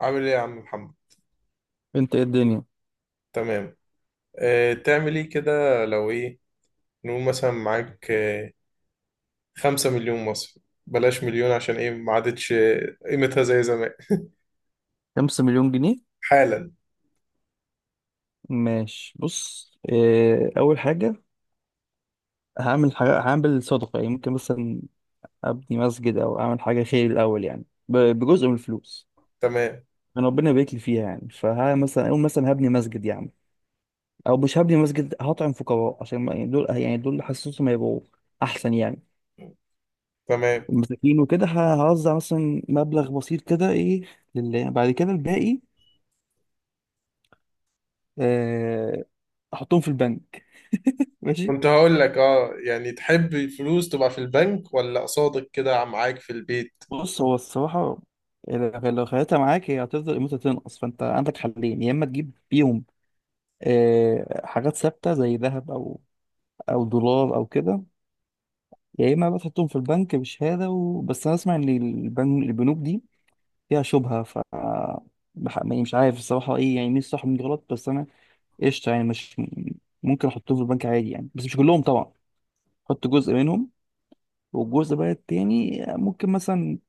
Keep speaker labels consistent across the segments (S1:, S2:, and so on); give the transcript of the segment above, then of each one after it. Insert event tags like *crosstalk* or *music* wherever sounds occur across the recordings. S1: عامل ايه يا عم محمد؟
S2: انت ايه الدنيا؟
S1: تمام. تعمل ايه كده؟ لو ايه؟ نقول مثلا معاك خمسة مليون مصري. بلاش مليون، عشان ايه؟ ما عادتش قيمتها زي زمان.
S2: 5 مليون جنيه.
S1: حالا.
S2: ماشي، بص، اول حاجة، هعمل حاجة، هعمل صدقة، يعني ممكن مثلا ابني مسجد او اعمل حاجة خير الاول، يعني بجزء من الفلوس
S1: تمام.
S2: من ربنا يبارك لي فيها، يعني فها مثلا اقول مثلا هبني مسجد يعني، او مش هبني مسجد، هطعم فقراء عشان يعني دول اللي حاسسهم هيبقوا احسن يعني،
S1: تمام.
S2: المساكين وكده، هوزع مثلا مبلغ بسيط كده ايه لله، بعد كده الباقي اه احطهم في البنك. ماشي.
S1: كنت هقول لك، يعني تحب الفلوس تبقى في البنك، ولا قصادك كده معاك في البيت؟
S2: بص، هو الصراحة، لو خليتها معاك هي هتفضل قيمتها تنقص، فانت عندك حلين، يا اما تجيب بيهم حاجات ثابتة زي ذهب، او دولار او كده، يا اما بقى تحطهم في البنك بشهادة بس انا اسمع ان البنوك دي فيها شبهة، يعني مش عارف الصراحة ايه، يعني مين الصح ومين غلط، بس انا قشطة، يعني مش ممكن احطهم في البنك عادي يعني، بس مش كلهم طبعا، احط جزء منهم، والجزء بقى التاني ممكن مثلا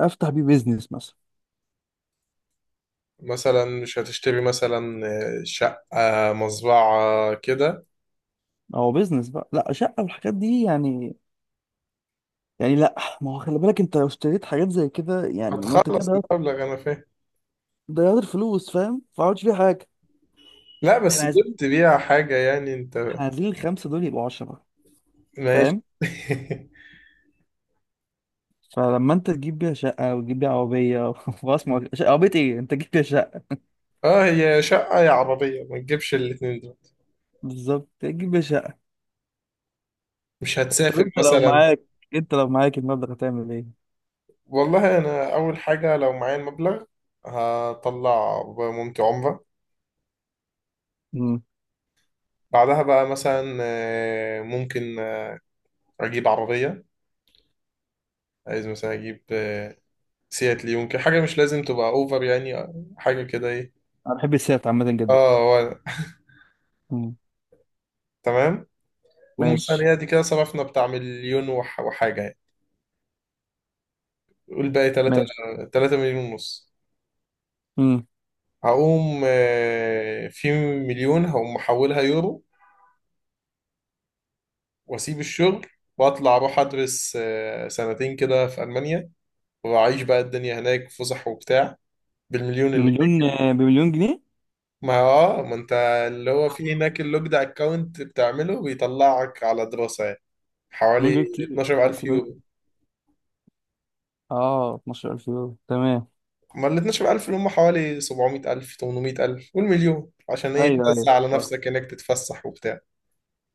S2: افتح بيه بيزنس مثلا.
S1: مثلا مش هتشتري مثلا شقة، مزرعة كده؟
S2: هو بيزنس بقى، لا شقة والحاجات دي يعني لا، ما هو خلي بالك، انت لو اشتريت حاجات زي كده يعني، ما انت كده
S1: هتخلص
S2: ضيعت
S1: المبلغ، انا فاهم.
S2: ضيعت الفلوس، فاهم، ما عملتش فيها حاجة.
S1: لا،
S2: احنا
S1: بس
S2: عايزين
S1: جبت بيها حاجة يعني انت.
S2: احنا عايزين الخمسة دول يبقوا 10،
S1: ماشي.
S2: فاهم.
S1: *laughs*
S2: فلما انت تجيب بيها شقة وتجيب بيها عربية *laughs* خلاص، ما هو عربية ايه، انت تجيب بيها شقة،
S1: اه هي شقة يا عربية، ما تجيبش الاتنين دول.
S2: بالظبط، تجيب بيها شقة.
S1: مش
S2: طب
S1: هتسافر
S2: انت لو
S1: مثلا؟
S2: معاك انت لو معاك المبلغ هتعمل ايه؟
S1: والله انا اول حاجة لو معايا المبلغ، هطلع مامتي عمرة.
S2: امم
S1: بعدها بقى مثلا ممكن اجيب عربية. عايز مثلا اجيب سيات ليون كده، حاجة مش لازم تبقى اوفر يعني، حاجة كده ايه.
S2: انا بحب السيارات عامة جدا.
S1: اه هو-
S2: امم.
S1: تمام. قول مثلا
S2: ماشي.
S1: هي دي كده صرفنا بتاع مليون وحاجة يعني. قول باقي تلاتة.
S2: ماشي.
S1: تلاتة مليون ونص.
S2: امم.
S1: هقوم في مليون هقوم محولها يورو، واسيب الشغل واطلع اروح ادرس سنتين كده في المانيا، واعيش بقى الدنيا هناك، فسح وبتاع، بالمليون اللي هناك.
S2: بمليون جنيه.
S1: ما هو ما انت اللي هو في هناك اللوجد اكونت بتعمله بيطلعك على دراسة يعني،
S2: مليون
S1: حوالي
S2: جنيه كتير، بس
S1: 12000 يورو.
S2: اه 12000 يورو تمام.
S1: ما ال 12000 اللي هم حوالي 700000، 800000، والمليون عشان ايه؟
S2: ايوه
S1: تنزل
S2: ايوه
S1: على
S2: صح.
S1: نفسك انك تتفسح وبتاع،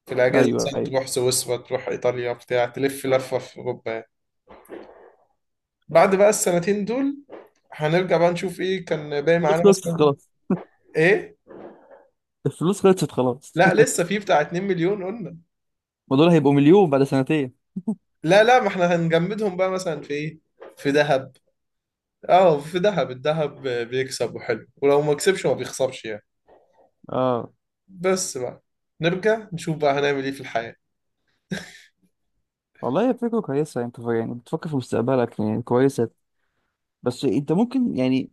S1: في الاجازة
S2: ايوه
S1: مثلا
S2: ايوه.
S1: تروح سويسرا، تروح ايطاليا بتاع، تلف لفة في اوروبا. بعد بقى السنتين دول هنرجع بقى نشوف ايه كان باقي
S2: الفلوس
S1: معانا
S2: خلصت
S1: مثلا.
S2: خلاص.
S1: ايه؟
S2: الفلوس خلصت خلاص.
S1: لا لسه في بتاع 2 مليون قلنا.
S2: *laughs* ما دول هيبقوا 1 مليون بعد سنتين.
S1: لا لا، ما احنا هنجمدهم بقى مثلا في ايه، في ذهب. اه في ذهب، الذهب بيكسب وحلو، ولو ما كسبش ما بيخسرش يعني.
S2: اه.
S1: بس بقى نرجع نشوف بقى هنعمل ايه في الحياة. *laughs*
S2: والله هي فكره كويسه، انت يعني بتفكر في مستقبلك، يعني كويسه، بس انت ممكن يعني،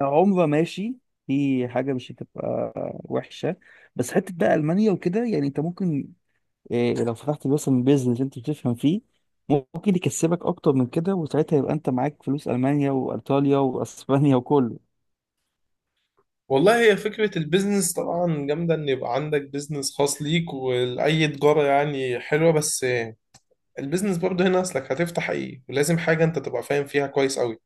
S2: عمره ماشي في حاجه مش هتبقى وحشه، بس حته بقى المانيا وكده، يعني انت ممكن إيه، لو فتحت مثلا بيزنس انت بتفهم فيه ممكن يكسبك اكتر من كده، وساعتها يبقى انت معاك فلوس المانيا وايطاليا واسبانيا وكله.
S1: والله هي فكرة البيزنس طبعا جامدة، ان يبقى عندك بيزنس خاص ليك، واي تجارة يعني حلوة، بس البيزنس برضه هنا، اصلك هتفتح ايه، ولازم حاجة انت تبقى فاهم فيها كويس قوي.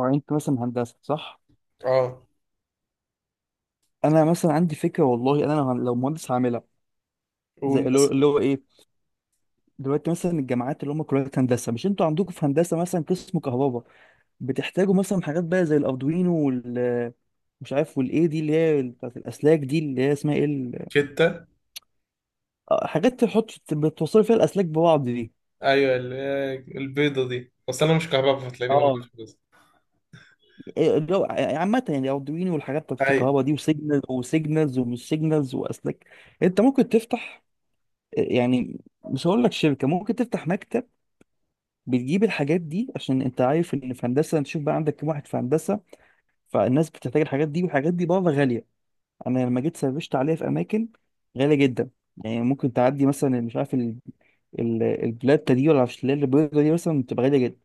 S2: هو انت مثلا هندسه صح؟
S1: اه.
S2: انا مثلا عندي فكره، والله انا لو مهندس هعملها. زي
S1: قول
S2: اللي هو
S1: بس.
S2: اللي هو ايه، دلوقتي مثلا الجامعات اللي هم كليات هندسه، مش انتوا عندكم في هندسه مثلا قسم كهرباء بتحتاجوا مثلا حاجات بقى زي الاردوينو مش عارف والايه دي، اللي هي بتاعت الاسلاك دي، اللي هي اسمها ايه،
S1: شتة.
S2: حاجات تحط بتوصل فيها الاسلاك ببعض دي.
S1: أيوة، البيضة دي، بس أنا مش كهرباء، فتلاقيني برضه
S2: اه
S1: مش بس.
S2: إيه اللي هو عامة يعني، أردوينو والحاجات بتاعت
S1: اي.
S2: الكهرباء دي، وسيجنال وسيجنالز ومش سيجنالز وأسلاك. أنت ممكن تفتح، يعني مش هقول لك شركة، ممكن تفتح مكتب بتجيب الحاجات دي، عشان انت عارف ان في هندسه، انت شوف بقى عندك كام واحد في هندسه، فالناس بتحتاج الحاجات دي، والحاجات دي بره غاليه. انا لما جيت سرشت عليها في اماكن غاليه جدا، يعني ممكن تعدي مثلا مش عارف، البلاته دي، ولا مش اللي هي البيضه دي، مثلا بتبقى غاليه جدا.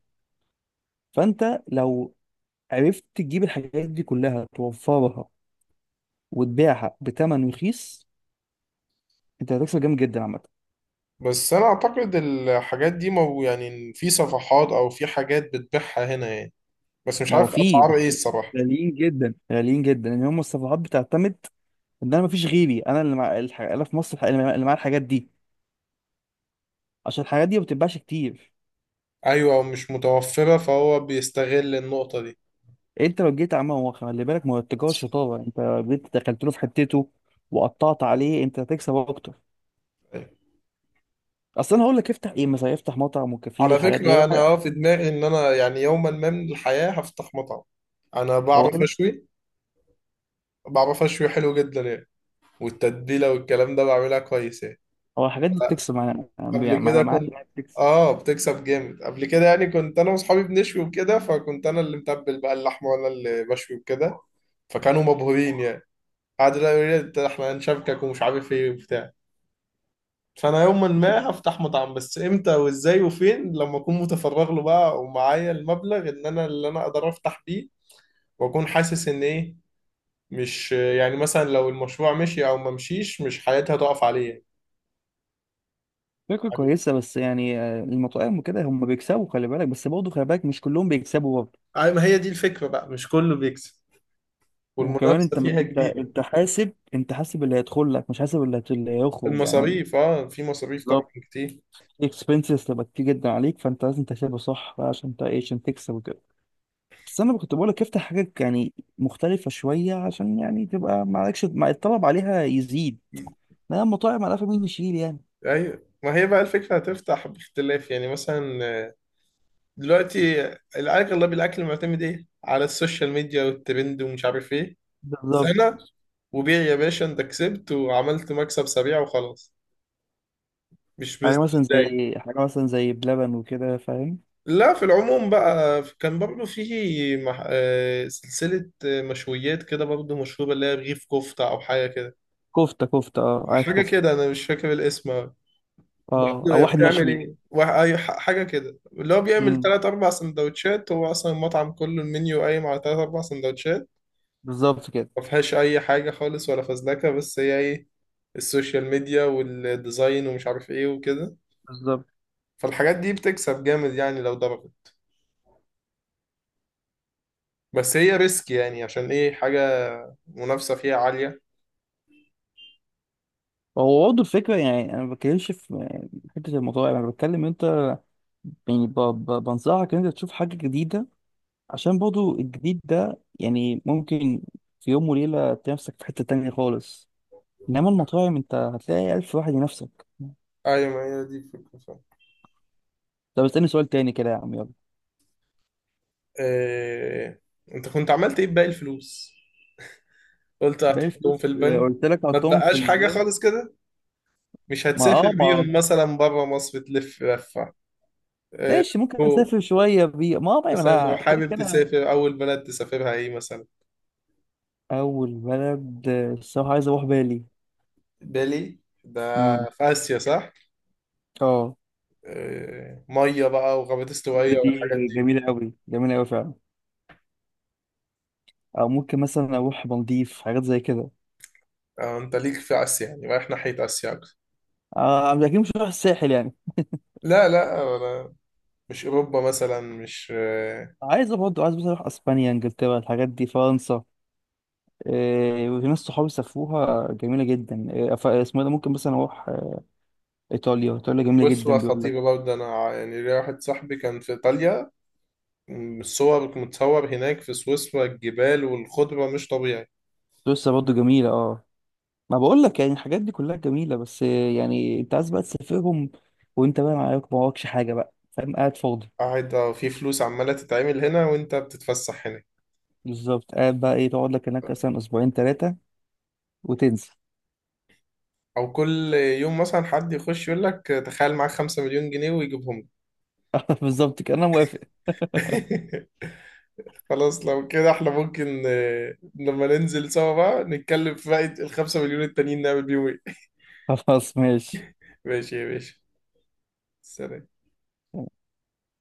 S2: فانت لو عرفت تجيب الحاجات دي كلها، توفرها وتبيعها بثمن رخيص، انت هتكسب جامد جدا عامه.
S1: بس انا اعتقد الحاجات دي، مو يعني في صفحات او في حاجات بتبيعها هنا يعني، بس مش
S2: ما هو
S1: عارف
S2: في،
S1: اسعار
S2: بس
S1: ايه الصراحة.
S2: غاليين جدا غاليين جدا، ان هم الصفحات بتعتمد ان انا مفيش غيري، انا في مصر اللي معايا الحاجات دي، عشان الحاجات دي ما بتتباعش كتير.
S1: أيوة، مش متوفرة، فهو بيستغل النقطة دي.
S2: انت لو جيت عمال هو خلي بالك، ما هو التجاره شطاره، انت لو جيت دخلت له في حتته وقطعت عليه، انت هتكسب اكتر.
S1: أيوة.
S2: اصل انا هقول لك افتح ايه، مثلا افتح مطعم وكافيه
S1: على
S2: والحاجات دي.
S1: فكرة انا في دماغي ان انا يعني يوما ما من الحياة هفتح مطعم. انا
S2: هو
S1: بعرف
S2: كده،
S1: اشوي، بعرف اشوي حلو جدا يعني، والتتبيلة والكلام ده بعملها كويس يعني.
S2: هو الحاجات دي بتكسب معانا يعني،
S1: قبل كده
S2: انا معاك
S1: كنت
S2: إنها بتكسب.
S1: اه بتكسب جامد قبل كده يعني، كنت انا واصحابي بنشوي وكده، فكنت انا اللي متبل بقى اللحمه وانا اللي بشوي وكده، فكانوا مبهورين يعني. قعدوا لا يقولوا لي: احنا هنشاركك ومش عارف ايه وبتاع". فانا يوما ما هفتح مطعم، بس امتى وازاي وفين، لما اكون متفرغ له بقى، ومعايا المبلغ ان انا اللي انا اقدر افتح بيه، واكون حاسس ان ايه، مش يعني مثلا لو المشروع مشي او ما مشيش، مش حياتي هتقف عليه.
S2: فكره كويسه، بس يعني، المطاعم وكده هم بيكسبوا، خلي بالك، بس برضه خلي بالك مش كلهم بيكسبوا برضه.
S1: يعني ما هي دي الفكره بقى، مش كله بيكسب،
S2: وكمان انت
S1: والمنافسه فيها
S2: انت
S1: كبيره.
S2: انت حاسب انت حاسب اللي هيدخل لك، مش حاسب اللي هيخرج يعني.
S1: المصاريف، في مصاريف طبعا
S2: بالظبط،
S1: كتير.
S2: الاكسبنسز تبقى كتير جدا عليك، فانت لازم تحسبه صح بقى، عشان انت ايه، عشان تكسب وكده. بس انا كنت بقول لك افتح حاجات يعني مختلفه شويه، عشان يعني تبقى ما عليكش، ما الطلب عليها يزيد، ما المطاعم على مين يشيل يعني.
S1: ايوه، ما هي بقى الفكره هتفتح باختلاف يعني، مثلا دلوقتي الاغلب الاكل معتمد ايه على السوشيال ميديا والترند ومش عارف ايه،
S2: بالظبط.
S1: سنه وبيع يا باشا، انت كسبت وعملت مكسب سريع وخلاص، مش
S2: حاجه
S1: بزنس
S2: مثلا
S1: داي.
S2: زي حاجه مثلا زي بلبن وكده، فاهم.
S1: لا، في العموم بقى كان برضه في مح... آه، سلسله مشويات كده برضه مشهوره، اللي هي رغيف كفته او حاجه كده.
S2: كفته، كفته، اه عارف
S1: حاجه
S2: كفته.
S1: كده انا مش فاكر الاسم.
S2: اه،
S1: برضه
S2: او
S1: هي
S2: واحد
S1: بتعمل
S2: مشوي.
S1: ايه؟ حاجه كده اللي هو بيعمل
S2: امم.
S1: تلات اربع سندوتشات، هو اصلا المطعم كله، المنيو قايم على تلات اربع سندوتشات،
S2: بالظبط كده.
S1: ما فيهاش اي حاجه خالص ولا فزلكه، بس هي ايه؟ السوشيال ميديا والديزاين ومش عارف ايه وكده،
S2: بالظبط.
S1: فالحاجات دي بتكسب جامد يعني لو ضربت، بس هي ريسك، يعني عشان ايه؟ حاجه منافسه فيها عاليه.
S2: هو برضه الفكره يعني، انا ما بتكلمش في يعني حته المطاعم، انا بتكلم انت يعني، بنصحك ان انت تشوف حاجه جديده، عشان برضو الجديد ده يعني ممكن في يوم وليلة تلاقي نفسك في حتة تانية خالص، إنما المطاعم أنت هتلاقي ألف واحد ينافسك.
S1: ايوه، ما هي دي الفكره فعلا.
S2: طب اسألني سؤال تاني كده يا عم، يلا.
S1: إيه... انت كنت عملت ايه بباقي الفلوس؟ قلت
S2: باقي
S1: هتحطهم
S2: الفلوس،
S1: في البنك.
S2: قلت لك
S1: ما
S2: حطهم في
S1: تبقاش حاجه
S2: البنك.
S1: خالص كده؟ مش
S2: ما اه
S1: هتسافر
S2: ما
S1: بيهم مثلا بره مصر، تلف لفة؟ آه،
S2: ماشي، ممكن
S1: هو
S2: أسافر شوية بيه ما آه، ما
S1: مثلا لو
S2: أنا كده
S1: حابب
S2: كده.
S1: تسافر، أول بلد تسافرها إيه مثلا؟
S2: أول بلد، الصراحة عايز أروح بالي.
S1: بالي ده
S2: امم.
S1: في آسيا صح؟
S2: اه.
S1: مية بقى وغابات
S2: بالي
S1: استوائية
S2: دي
S1: والحاجات دي.
S2: جميلة أوي جميلة أوي فعلا، أو ممكن مثلا أروح مالديف، حاجات زي كده.
S1: أنت ليك في آسيا يعني، رايح ناحية آسيا أكتر.
S2: آه أكيد، مش هروح الساحل يعني.
S1: لا لا، أنا مش أوروبا مثلا، مش
S2: برضه عايز بس اروح اسبانيا، انجلترا، الحاجات دي، فرنسا، إيه. وفي ناس صحابي سافروها جميله جدا، اسمه إيه ده، ممكن مثلا اروح ايطاليا، ايطاليا جميله
S1: أسوة
S2: جدا بيقول لك.
S1: خطيرة برضه. أنا يعني ليا واحد صاحبي كان في إيطاليا، الصور متصور هناك في سويسرا، الجبال والخضرة مش طبيعي.
S2: سويسرا برضه جميله اه ما بقول لك يعني الحاجات دي كلها جميله، بس يعني انت عايز بقى تسافرهم وانت بقى معاك، ما وراكش حاجه بقى، فاهم، قاعد فاضي.
S1: قاعد في فلوس عمالة تتعمل هنا وانت بتتفسح هنا،
S2: بالظبط، قاعد بقى ايه، تقعد لك هناك مثلا اسبوعين ثلاثه وتنسى.
S1: او كل يوم مثلا حد يخش يقول لك تخيل معاك خمسة مليون جنيه ويجيبهم
S2: *laughs* بالظبط كده، انا موافق.
S1: لك. *laughs* خلاص لو كده احنا ممكن لما ننزل سوا بقى نتكلم في باقي الخمسة مليون التانيين نعمل بيهم ايه.
S2: *laughs* خلاص ماشي.
S1: *laughs* ماشي يا باشا، سلام.